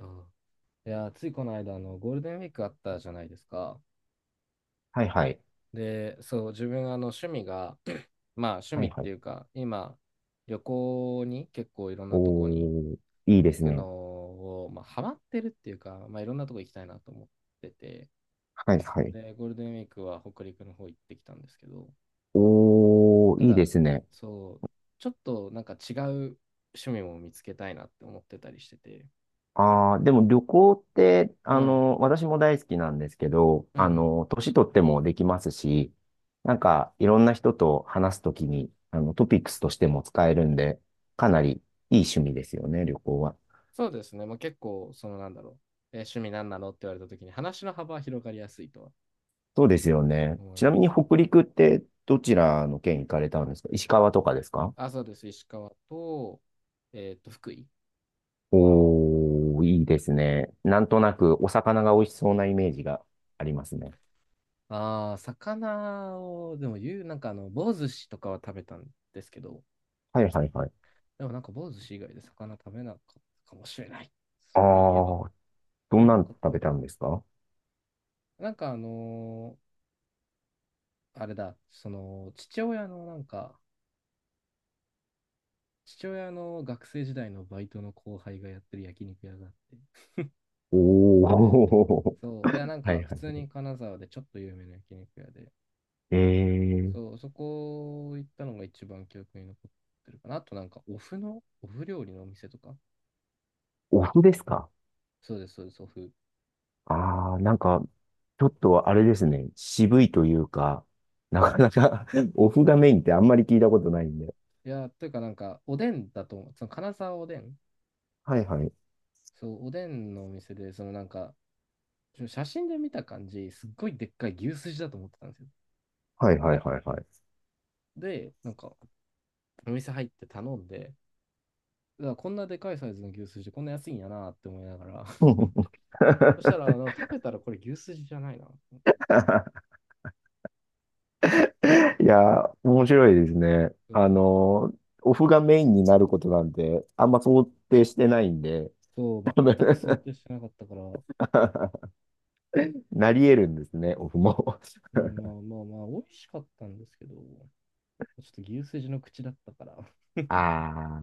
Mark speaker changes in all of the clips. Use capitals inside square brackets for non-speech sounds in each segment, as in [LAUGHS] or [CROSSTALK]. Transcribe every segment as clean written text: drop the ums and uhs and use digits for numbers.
Speaker 1: あいやー、ついこの間、ゴールデンウィークあったじゃないですか。
Speaker 2: はいはい。
Speaker 1: で、そう、自分、趣味が、[CLEARS THROAT] まあ、趣
Speaker 2: は
Speaker 1: 味
Speaker 2: い
Speaker 1: っ
Speaker 2: は
Speaker 1: て
Speaker 2: い。
Speaker 1: いうか、今、旅行に結構いろんなとこに
Speaker 2: おー、いいで
Speaker 1: 行
Speaker 2: す
Speaker 1: くの
Speaker 2: ね。
Speaker 1: を、まあ、ハマってるっていうか、まあ、いろんなとこ行きたいなと思ってて、
Speaker 2: はいはい。
Speaker 1: で、ゴールデンウィークは北陸の方行ってきたんですけど、
Speaker 2: おー、
Speaker 1: た
Speaker 2: いいで
Speaker 1: だ、
Speaker 2: すね。
Speaker 1: そう、ちょっとなんか違う趣味も見つけたいなって思ってたりしてて、
Speaker 2: あー、でも旅行って、
Speaker 1: はい。
Speaker 2: 私も大好きなんですけど、
Speaker 1: うんうん、
Speaker 2: 年取ってもできますし、なんか、いろんな人と話すときに、トピックスとしても使えるんで、かなりいい趣味ですよね、旅行は。
Speaker 1: そうですね。もう結構、その、なんだろう。趣味なんなのって言われたときに話の幅は広がりやすいとは
Speaker 2: そうですよね。
Speaker 1: 思い
Speaker 2: ちなみ
Speaker 1: ま
Speaker 2: に
Speaker 1: す。
Speaker 2: 北陸ってどちらの県行かれたんですか？石川とかですか？
Speaker 1: あ、そうです。石川と、福井。
Speaker 2: おー、いいですね。なんとなくお魚が美味しそうなイメージがありますね。
Speaker 1: ああ、魚を、でも言う、なんか棒寿司とかは食べたんですけど、
Speaker 2: はいはいはい。
Speaker 1: でもなんか棒寿司以外で魚食べなかったかもしれない。
Speaker 2: あ
Speaker 1: そういえば。
Speaker 2: ー、ど
Speaker 1: え、
Speaker 2: ん
Speaker 1: な
Speaker 2: な
Speaker 1: ん
Speaker 2: の
Speaker 1: か食
Speaker 2: 食
Speaker 1: べ
Speaker 2: べ
Speaker 1: た
Speaker 2: た
Speaker 1: か
Speaker 2: んですか？
Speaker 1: な。なんかあれだ、父親の学生時代のバイトの後輩がやってる焼肉屋があって、
Speaker 2: おー、
Speaker 1: そう、いや、
Speaker 2: [LAUGHS]
Speaker 1: なん
Speaker 2: は
Speaker 1: か、
Speaker 2: い
Speaker 1: 普
Speaker 2: は
Speaker 1: 通に
Speaker 2: い。
Speaker 1: 金沢でちょっと有名な焼肉屋で、
Speaker 2: えー、
Speaker 1: そう、そこ行ったのが一番記憶に残ってるかな。あと、なんか、お麩料理のお店とか。
Speaker 2: お麩ですか？
Speaker 1: そうです、そうです、お麩。
Speaker 2: あー、なんか、ちょっとあれですね。渋いというか、なかなか [LAUGHS] お麩がメインってあんまり聞いたことないんで。
Speaker 1: いや、というか、なんか、おでんだと思う。その金沢おでん。
Speaker 2: はいはい。
Speaker 1: そう、おでんのお店で、そのなんか、写真で見た感じ、すっごいでっかい牛すじだと思ってたんですよ。
Speaker 2: はいはいはいはい。
Speaker 1: で、なんか、お店入って頼んで、うわ、こんなでかいサイズの牛すじ、こんな安いんやなって思いながら、[LAUGHS] そしたら、
Speaker 2: [LAUGHS]
Speaker 1: 食べたらこれ牛すじじゃないな。
Speaker 2: いや、面白いですね。
Speaker 1: うん、
Speaker 2: オフがメインになることなんて、あんま想定してないんで、
Speaker 1: そう、
Speaker 2: 多分
Speaker 1: 全く想定してなかったから、う
Speaker 2: [LAUGHS] なり得るんですね、オフも。
Speaker 1: ん、まあまあまあ、美味しかったんですけど、ちょっと牛すじの口だったから、
Speaker 2: ああ、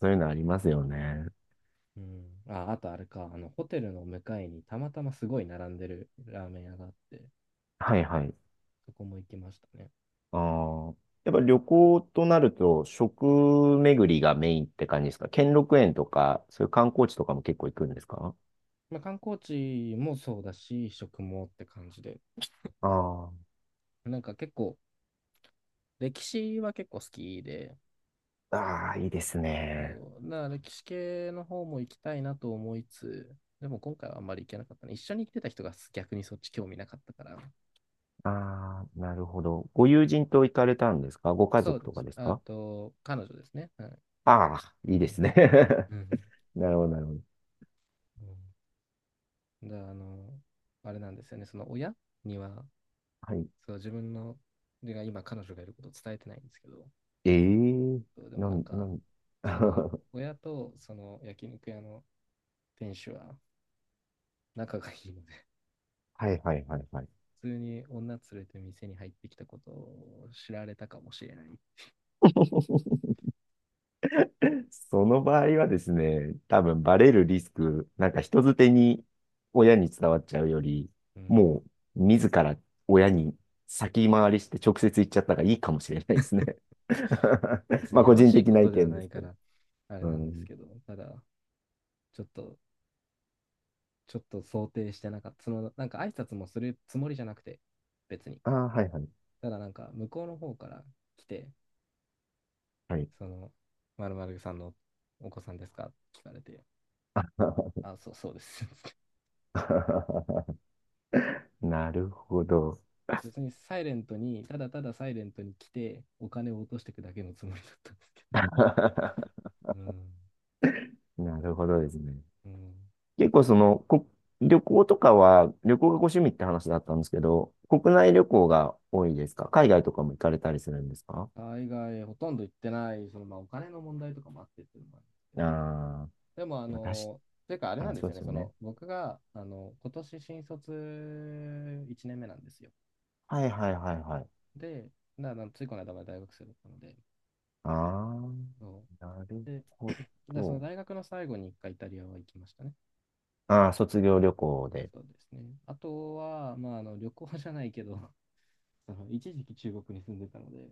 Speaker 2: そういうのありますよね。
Speaker 1: うん。あ、あとあれか、ホテルの向かいにたまたますごい並んでるラーメン屋があって、
Speaker 2: はいはい。
Speaker 1: そこも行きましたね。
Speaker 2: あー、やっぱ旅行となると、食巡りがメインって感じですか？兼六園とか、そういう観光地とかも結構行くんですか？
Speaker 1: まあ、観光地もそうだし、食もって感じで、
Speaker 2: あ
Speaker 1: なんか結構、歴史は結構好きで、
Speaker 2: あ、ああ、いいですね。
Speaker 1: そうな歴史系の方も行きたいなと思いつつ、でも今回はあんまり行けなかったね。一緒に行ってた人が逆にそっち興味なかったから、
Speaker 2: ああ、なるほど。ご友人と行かれたんですか？ご家
Speaker 1: そう
Speaker 2: 族
Speaker 1: で
Speaker 2: とか
Speaker 1: す。
Speaker 2: です
Speaker 1: あ
Speaker 2: か？
Speaker 1: と、彼女ですね。はい。
Speaker 2: ああ、いい
Speaker 1: う
Speaker 2: です
Speaker 1: ん。
Speaker 2: ね。[LAUGHS]
Speaker 1: うん。
Speaker 2: なるほど、なるほど。
Speaker 1: で、あれなんですよね。その親には、
Speaker 2: はい。
Speaker 1: そう、自分が今彼女がいることを伝えてないんですけど、
Speaker 2: ええ、
Speaker 1: そう。でも
Speaker 2: な
Speaker 1: なん
Speaker 2: ん、な
Speaker 1: か、
Speaker 2: ん、[LAUGHS]
Speaker 1: その、
Speaker 2: は
Speaker 1: 親とその焼肉屋の店主は仲がいいので、
Speaker 2: いはいはいはい。
Speaker 1: 普通に女連れて店に入ってきたことを知られたかもしれない。
Speaker 2: その場合はですね、多分バレるリスク、なんか人づてに親に伝わっちゃうより、
Speaker 1: うん。
Speaker 2: もう自ら親に先回りして直接言っちゃった方がいいかもしれないですね。[LAUGHS]
Speaker 1: 別
Speaker 2: ま
Speaker 1: に
Speaker 2: あ
Speaker 1: や
Speaker 2: 個
Speaker 1: ま
Speaker 2: 人
Speaker 1: しい
Speaker 2: 的
Speaker 1: こ
Speaker 2: な
Speaker 1: と
Speaker 2: 意
Speaker 1: では
Speaker 2: 見で
Speaker 1: ない
Speaker 2: す
Speaker 1: か
Speaker 2: けど。
Speaker 1: ら、あれ
Speaker 2: う
Speaker 1: なんです
Speaker 2: ん。
Speaker 1: けど、ただ、ちょっとちょっと想定してなかった。なんか挨拶もするつもりじゃなくて、別に。
Speaker 2: ああ、はいはい。
Speaker 1: ただなんか、向こうの方から来て、
Speaker 2: はい。
Speaker 1: その、丸るさんのお子さんですか？聞かれて、あ、そう、そうです。[LAUGHS]
Speaker 2: [LAUGHS] なるほど。
Speaker 1: 別にサイレントに、ただただサイレントに来て、お金を落としていくだけのつもりだったんですけ
Speaker 2: [LAUGHS]
Speaker 1: ど。うん、
Speaker 2: なるほどですね。
Speaker 1: うん、み
Speaker 2: 結
Speaker 1: た
Speaker 2: 構
Speaker 1: いな。
Speaker 2: その、こ、旅行とかは、旅行がご趣味って話だったんですけど、国内旅行が多いですか？海外とかも行かれたりするんですか？
Speaker 1: 海外ほとんど行ってない、まあ、お金の問題とかもあってっていうのもあるんですけ
Speaker 2: あ
Speaker 1: ど、
Speaker 2: あー、
Speaker 1: でも、
Speaker 2: まあ、確
Speaker 1: というか、あれ
Speaker 2: か
Speaker 1: なん
Speaker 2: に
Speaker 1: で
Speaker 2: そ
Speaker 1: す
Speaker 2: う
Speaker 1: よ
Speaker 2: で
Speaker 1: ね、
Speaker 2: すよね。
Speaker 1: 僕が、今年新卒1年目なんですよ。
Speaker 2: はいはいはいはい。
Speaker 1: で、だからついこの間まで大学生だったので、
Speaker 2: あ
Speaker 1: そ
Speaker 2: あ、なる
Speaker 1: うで、
Speaker 2: ほ
Speaker 1: [CLEARS THROAT] その
Speaker 2: ど。
Speaker 1: 大学の最後に一回イタリアは行きましたね。
Speaker 2: ああ、卒業旅行で。
Speaker 1: そうですね。あとは、まあ、旅行じゃないけど、[LAUGHS] その一時期中国に住んでたので、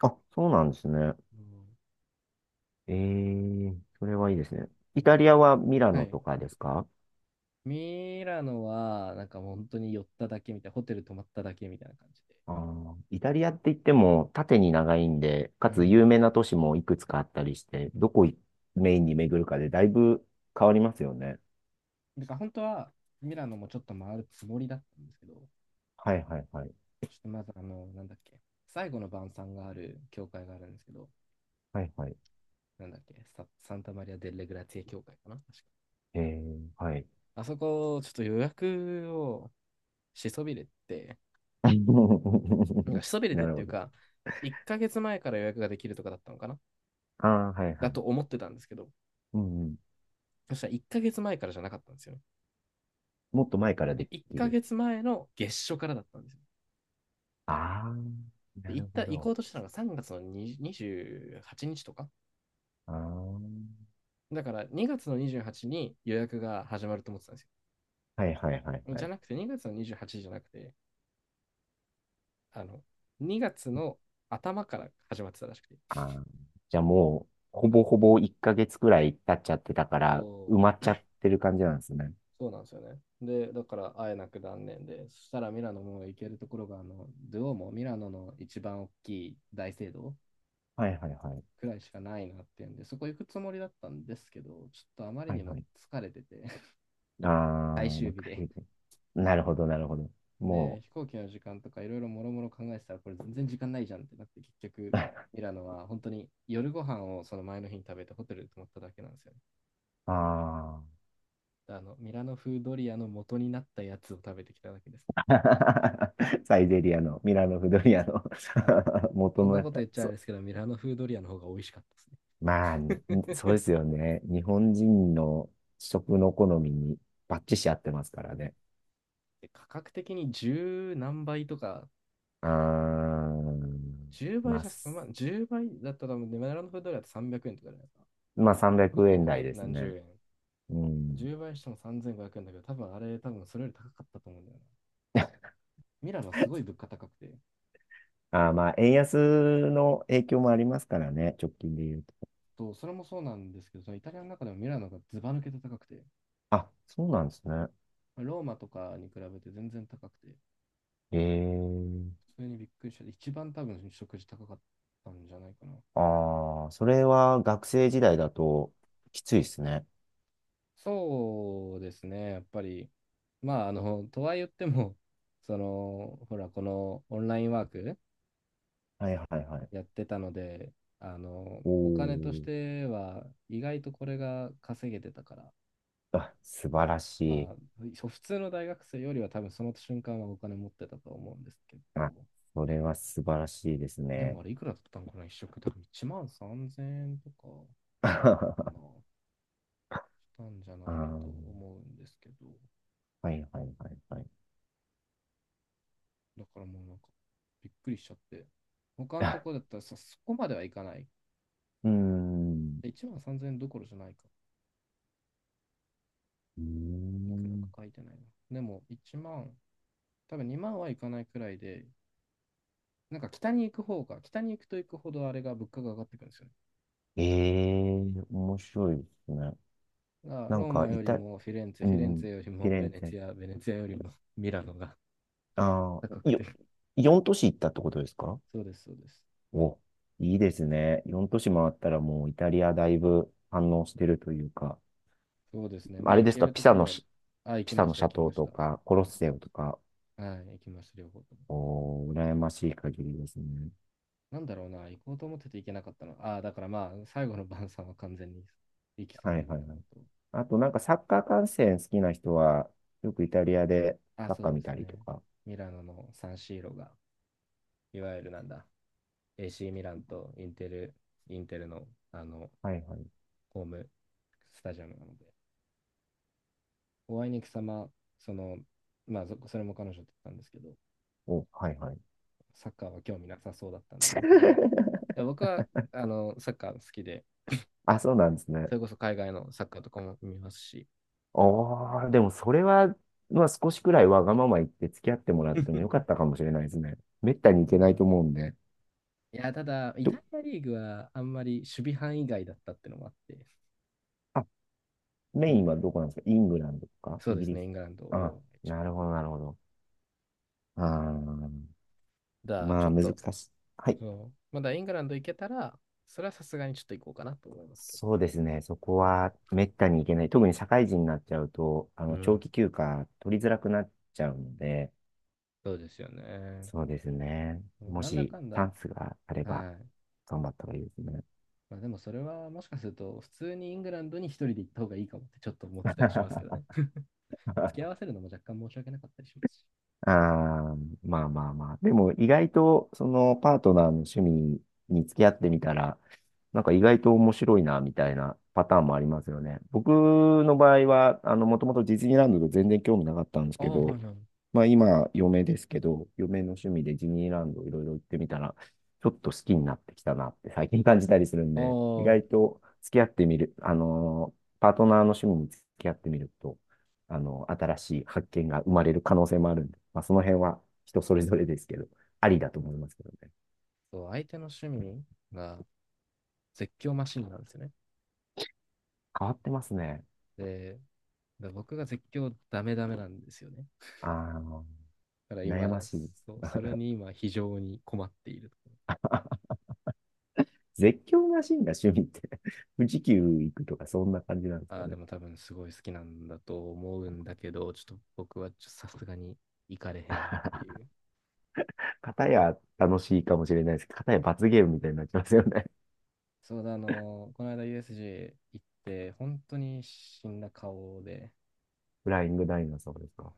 Speaker 2: あ、そうなんですね。
Speaker 1: うんっ
Speaker 2: ええ、それ
Speaker 1: て
Speaker 2: は
Speaker 1: い
Speaker 2: いい
Speaker 1: う、
Speaker 2: ですね。イタリアはミラ
Speaker 1: うん、は
Speaker 2: ノ
Speaker 1: い。
Speaker 2: とかですか？
Speaker 1: ミラノは、なんかもう本当に寄っただけみたいな、ホテル泊まっただけみたいな感じで。
Speaker 2: あー、イタリアって言っても縦に長いんで、
Speaker 1: う
Speaker 2: かつ有
Speaker 1: ん。
Speaker 2: 名な都市もいくつかあったりして、どこいメインに巡るかでだいぶ変わりますよね。
Speaker 1: だから本当はミラノもちょっと回るつもりだったんですけど、ちょ
Speaker 2: はいはいはい。
Speaker 1: っとまずなんだっけ、最後の晩餐がある教会があるんですけど、
Speaker 2: はいはい。
Speaker 1: なんだっけ、ササンタマリア・デ・レグラツィエ教会かな、確か。
Speaker 2: えー、はい。
Speaker 1: あそこ、ちょっと予約をしそびれて、なんか
Speaker 2: [LAUGHS]
Speaker 1: しそびれ
Speaker 2: な
Speaker 1: てっ
Speaker 2: る
Speaker 1: てい
Speaker 2: ほ
Speaker 1: う
Speaker 2: ど。
Speaker 1: か、1ヶ月前から予約ができるとかだったのかな、
Speaker 2: ああ、はいは
Speaker 1: だ
Speaker 2: い。
Speaker 1: と思ってたんですけど、
Speaker 2: うんうん。
Speaker 1: そしたら1ヶ月前からじゃなかったんですよ
Speaker 2: もっと前から
Speaker 1: ね。
Speaker 2: で
Speaker 1: 1
Speaker 2: きる。
Speaker 1: ヶ月前の月初からだったんですよ。
Speaker 2: ああ、
Speaker 1: で、
Speaker 2: な
Speaker 1: 行っ
Speaker 2: る
Speaker 1: た、
Speaker 2: ほ
Speaker 1: 行こ
Speaker 2: ど。
Speaker 1: うとしたのが3月の20、 28日とか
Speaker 2: ああ、
Speaker 1: だから、2月の28日にちに予約が始まると思ってたんです
Speaker 2: はいはいはい
Speaker 1: よ。
Speaker 2: は
Speaker 1: じゃ
Speaker 2: い。
Speaker 1: なくて2月の28日じゃなくて、あの、2月の頭から始まってたらしくて。
Speaker 2: ああ、じゃあもう、ほぼほぼ1ヶ月くらい経っちゃってたから、埋
Speaker 1: そう、
Speaker 2: まっちゃってる感じなんですね。
Speaker 1: そうなんですよね。で、だから会えなく断念で、そしたらミラノも行けるところが、ドゥオもミラノの一番大きい大聖堂
Speaker 2: はいはいはい。
Speaker 1: くらいしかないなっていうんで、そこ行くつもりだったんですけど、ちょっとあまり
Speaker 2: は
Speaker 1: に
Speaker 2: いは
Speaker 1: も
Speaker 2: い。
Speaker 1: 疲れてて、[LAUGHS]
Speaker 2: あ
Speaker 1: 最
Speaker 2: あ、ま
Speaker 1: 終
Speaker 2: あ、
Speaker 1: 日で、
Speaker 2: 海外。なるほど、なるほど。も
Speaker 1: 飛行機の時間とかいろいろもろもろ考えてたら、これ全然時間ないじゃんってなって、結局、
Speaker 2: う、[LAUGHS]
Speaker 1: ミラノは本当に夜ご飯をその前の日に食べてホテルで泊まっただけなんですよね。
Speaker 2: ああ。
Speaker 1: で、ミラノ風ドリアの元になったやつを食べてきただけですね。
Speaker 2: [LAUGHS] サイゼリアの、ミラノフドリアの
Speaker 1: あの、
Speaker 2: [LAUGHS] 元
Speaker 1: こん
Speaker 2: の
Speaker 1: な
Speaker 2: やっ
Speaker 1: こと
Speaker 2: た。
Speaker 1: 言っちゃあ
Speaker 2: そ
Speaker 1: れ
Speaker 2: う。
Speaker 1: ですけど、ミラノ風ドリアの方が美味しかったです
Speaker 2: まあね、そうで
Speaker 1: ね。
Speaker 2: す
Speaker 1: [LAUGHS]
Speaker 2: よね。日本人の食の好みにバッチシ合ってますからね。
Speaker 1: で、価格的に十何倍とか、
Speaker 2: うーん。
Speaker 1: 10倍
Speaker 2: まあ、
Speaker 1: じゃ済ま
Speaker 2: す
Speaker 1: ん、10倍だったら多分、ミラノ風ドリアって300円とかじゃないですか。
Speaker 2: まあ、300円台で
Speaker 1: 350、
Speaker 2: す
Speaker 1: 何
Speaker 2: ね。
Speaker 1: 十円。
Speaker 2: うん。
Speaker 1: 10倍しても3500円だけど、多分あれ、多分それより高かったと思うんだよな。ミラノはすごい物価高くて、
Speaker 2: あー、まあ、円安の影響もありますからね、直近で言うと。
Speaker 1: とそれもそうなんですけど、そのイタリアの中でもミラノがずば抜けて高くて、
Speaker 2: あ、そうなんですね。
Speaker 1: まあローマとかに比べて全然高くて、
Speaker 2: ええ、
Speaker 1: それにびっくりして、一番多分食事高かったんじゃないかな。
Speaker 2: ああ、それは学生時代だときついですね。
Speaker 1: そうですね、やっぱり、まあ、とは言っても、ほら、このオンラインワーク
Speaker 2: はいはいはい。
Speaker 1: やってたので、
Speaker 2: お
Speaker 1: お金とし
Speaker 2: ー。
Speaker 1: ては意外とこれが稼げてたから、
Speaker 2: あ、素晴らし
Speaker 1: ま
Speaker 2: い。
Speaker 1: あ、普通の大学生よりは多分その瞬間はお金持ってたと思うんですけ
Speaker 2: あ、
Speaker 1: ど、
Speaker 2: それは素晴らしいです
Speaker 1: で
Speaker 2: ね。
Speaker 1: もあれいくらだったのかな、一食多分1万3000円とか、
Speaker 2: [LAUGHS] あ
Speaker 1: まあ、したんじゃないかと
Speaker 2: ー、
Speaker 1: 思うんですけど、
Speaker 2: はいはいはいはい。
Speaker 1: だからもうなんか、びっくりしちゃって、他の
Speaker 2: あ、
Speaker 1: とこだったらさ、そこまではいかない。
Speaker 2: うーん。
Speaker 1: 1万3000円どころじゃないか。
Speaker 2: うー
Speaker 1: いくらか
Speaker 2: ん。
Speaker 1: 書いてないな。でも1万、多分2万はいかないくらいで、なんか北に行くと行くほどあれが物価が上がってくるんですよね。
Speaker 2: ええ、面白いですね。
Speaker 1: あ、
Speaker 2: なん
Speaker 1: ロー
Speaker 2: か、
Speaker 1: マ
Speaker 2: い
Speaker 1: より
Speaker 2: た、
Speaker 1: もフィレンツェ、
Speaker 2: う
Speaker 1: フィレ
Speaker 2: ん
Speaker 1: ン
Speaker 2: うん、
Speaker 1: ツェより
Speaker 2: フィ
Speaker 1: も
Speaker 2: レ
Speaker 1: ベ
Speaker 2: ン
Speaker 1: ネ
Speaker 2: ツェ。
Speaker 1: ツィア、ベネツィアよりもミラノが
Speaker 2: あ
Speaker 1: 高
Speaker 2: あ、
Speaker 1: くて。
Speaker 2: よ、
Speaker 1: [LAUGHS]
Speaker 2: 4都市行ったってことですか？
Speaker 1: そうです、そうです。
Speaker 2: お、いいですね。4都市回ったらもうイタリアだいぶ反応してるというか、
Speaker 1: そうですね。ま
Speaker 2: あ
Speaker 1: あ、
Speaker 2: れ
Speaker 1: 行
Speaker 2: です
Speaker 1: け
Speaker 2: か、
Speaker 1: る
Speaker 2: ピ
Speaker 1: と
Speaker 2: サ
Speaker 1: ころ
Speaker 2: のし、
Speaker 1: は、あ、行
Speaker 2: ピ
Speaker 1: き
Speaker 2: サ
Speaker 1: ま
Speaker 2: の
Speaker 1: した、行
Speaker 2: 斜
Speaker 1: きま
Speaker 2: 塔
Speaker 1: し
Speaker 2: と
Speaker 1: た。
Speaker 2: か、コロッセオとか、
Speaker 1: はい、行きました、両方とも。
Speaker 2: おー、羨ましい限りですね。
Speaker 1: なんだろうな、行こうと思ってて行けなかったの。ああ、だからまあ、最後の晩餐は完全に行きそ
Speaker 2: は
Speaker 1: び
Speaker 2: い
Speaker 1: れ
Speaker 2: はい
Speaker 1: たの
Speaker 2: はい。
Speaker 1: と。
Speaker 2: あとなんかサッカー観戦好きな人は、よくイタリアで
Speaker 1: あ、
Speaker 2: サッ
Speaker 1: そ
Speaker 2: カ
Speaker 1: う
Speaker 2: ー
Speaker 1: で
Speaker 2: 見
Speaker 1: す
Speaker 2: たりと
Speaker 1: ね。
Speaker 2: か。
Speaker 1: ミラノのサンシーロが、いわゆるなんだ、AC ミランとインテル、インテルの、
Speaker 2: はいはい。
Speaker 1: ホームスタジアムなので。お会いに行く様、その、まあ、それも彼女だったんですけど、
Speaker 2: お、はいはい。
Speaker 1: サッカーは興味なさそうだったんで、うん、
Speaker 2: [LAUGHS]
Speaker 1: いや、僕はサッカー好きで、
Speaker 2: あ、そうなんですね。
Speaker 1: それこそ海外のサッカーとかも見ますし、
Speaker 2: おー、でもそれは、まあ少しくらいわがまま言って付き合ってもらってもよ
Speaker 1: [LAUGHS]
Speaker 2: か
Speaker 1: う
Speaker 2: ったかもしれないですね。めったに行
Speaker 1: ん。
Speaker 2: けないと思うんで。
Speaker 1: いや、ただ、イ
Speaker 2: ちょ
Speaker 1: タリアリーグはあんまり守備範囲外だったってのもあって、
Speaker 2: あメ
Speaker 1: そ
Speaker 2: イン
Speaker 1: う、
Speaker 2: はどこなんですか？イングランドとか
Speaker 1: そう
Speaker 2: イ
Speaker 1: で
Speaker 2: ギ
Speaker 1: す
Speaker 2: リス？
Speaker 1: ね、イングランド
Speaker 2: あ、
Speaker 1: を一
Speaker 2: なる
Speaker 1: 番。
Speaker 2: ほど、なるほど。あー、
Speaker 1: だから、ち
Speaker 2: ま
Speaker 1: ょ
Speaker 2: あ、
Speaker 1: っ
Speaker 2: 難
Speaker 1: と、
Speaker 2: しい。はい。
Speaker 1: そう、まだイングランド行けたら、それはさすがにちょっと行こうかなと思いますけど。
Speaker 2: そうですね。そこはめったに行けない。特に社会人になっちゃうと、
Speaker 1: う
Speaker 2: 長
Speaker 1: ん。
Speaker 2: 期休暇取りづらくなっちゃうので、
Speaker 1: そうですよね。
Speaker 2: そうですね。
Speaker 1: もう
Speaker 2: も
Speaker 1: なんだ
Speaker 2: し
Speaker 1: かん
Speaker 2: チャ
Speaker 1: だ、
Speaker 2: ンスがあれば、
Speaker 1: はい。
Speaker 2: 頑張った方がいいですね。
Speaker 1: まあ、でもそれはもしかすると普通にイングランドに一人で行った方がいいかもってちょっと思ってたりしますけどね。
Speaker 2: [LAUGHS]
Speaker 1: [LAUGHS] 付き合わせるのも若干申し訳なかったりしますし。
Speaker 2: ああ、まあまあまあ。でも意外と、そのパートナーの趣味に付き合ってみたら、なんか意外と面白いな、みたいなパターンもありますよね。僕の場合は、もともとディズニーランドと全然興味なかったんです
Speaker 1: ああ、
Speaker 2: け
Speaker 1: はいは
Speaker 2: ど、
Speaker 1: い。ああ、
Speaker 2: まあ今、嫁ですけど、嫁の趣味でディズニーランドいろいろ行ってみたら、ちょっと好きになってきたなって最近感じたりするんで、意
Speaker 1: そ
Speaker 2: 外と付き合ってみる、あのーパートナーの趣味に付き合ってみると、新しい発見が生まれる可能性もあるんで、まあ、その辺は人それぞれですけど、ありだと思いますけどね。
Speaker 1: う、相手の趣味が絶叫マシンなんですよね。
Speaker 2: 変わってますね。
Speaker 1: で、で僕が絶叫ダメダメなんですよね。
Speaker 2: あの、
Speaker 1: だから
Speaker 2: 悩ま
Speaker 1: 今、
Speaker 2: しいです。
Speaker 1: そう、それに今非常に困っているところ。
Speaker 2: 絶叫マシンが趣味って [LAUGHS] 富士急行くとかそんな感じなんです
Speaker 1: あ
Speaker 2: か
Speaker 1: あ、で
Speaker 2: ね。
Speaker 1: も多分すごい好きなんだと思うんだけど、ちょっと僕はさすがに行かれへんっていう。
Speaker 2: 片や楽しいかもしれないですけど、片や罰ゲームみたいになっちゃいますよね。
Speaker 1: そうだ、この間 U S G 行って、本当に死んだ顔で、
Speaker 2: [LAUGHS] フライングダイナソーです
Speaker 1: うん。
Speaker 2: か。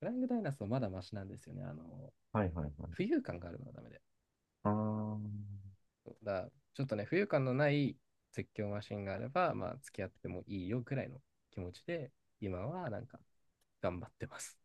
Speaker 1: フライングダイナソーまだマシなんですよね。
Speaker 2: はいはいは
Speaker 1: 浮
Speaker 2: い。
Speaker 1: 遊感があるのはダメで。
Speaker 2: あー
Speaker 1: そうだから、ちょっとね、浮遊感のない絶叫マシンがあれば、まあ、付き合ってもいいよくらいの気持ちで、今はなんか頑張ってます。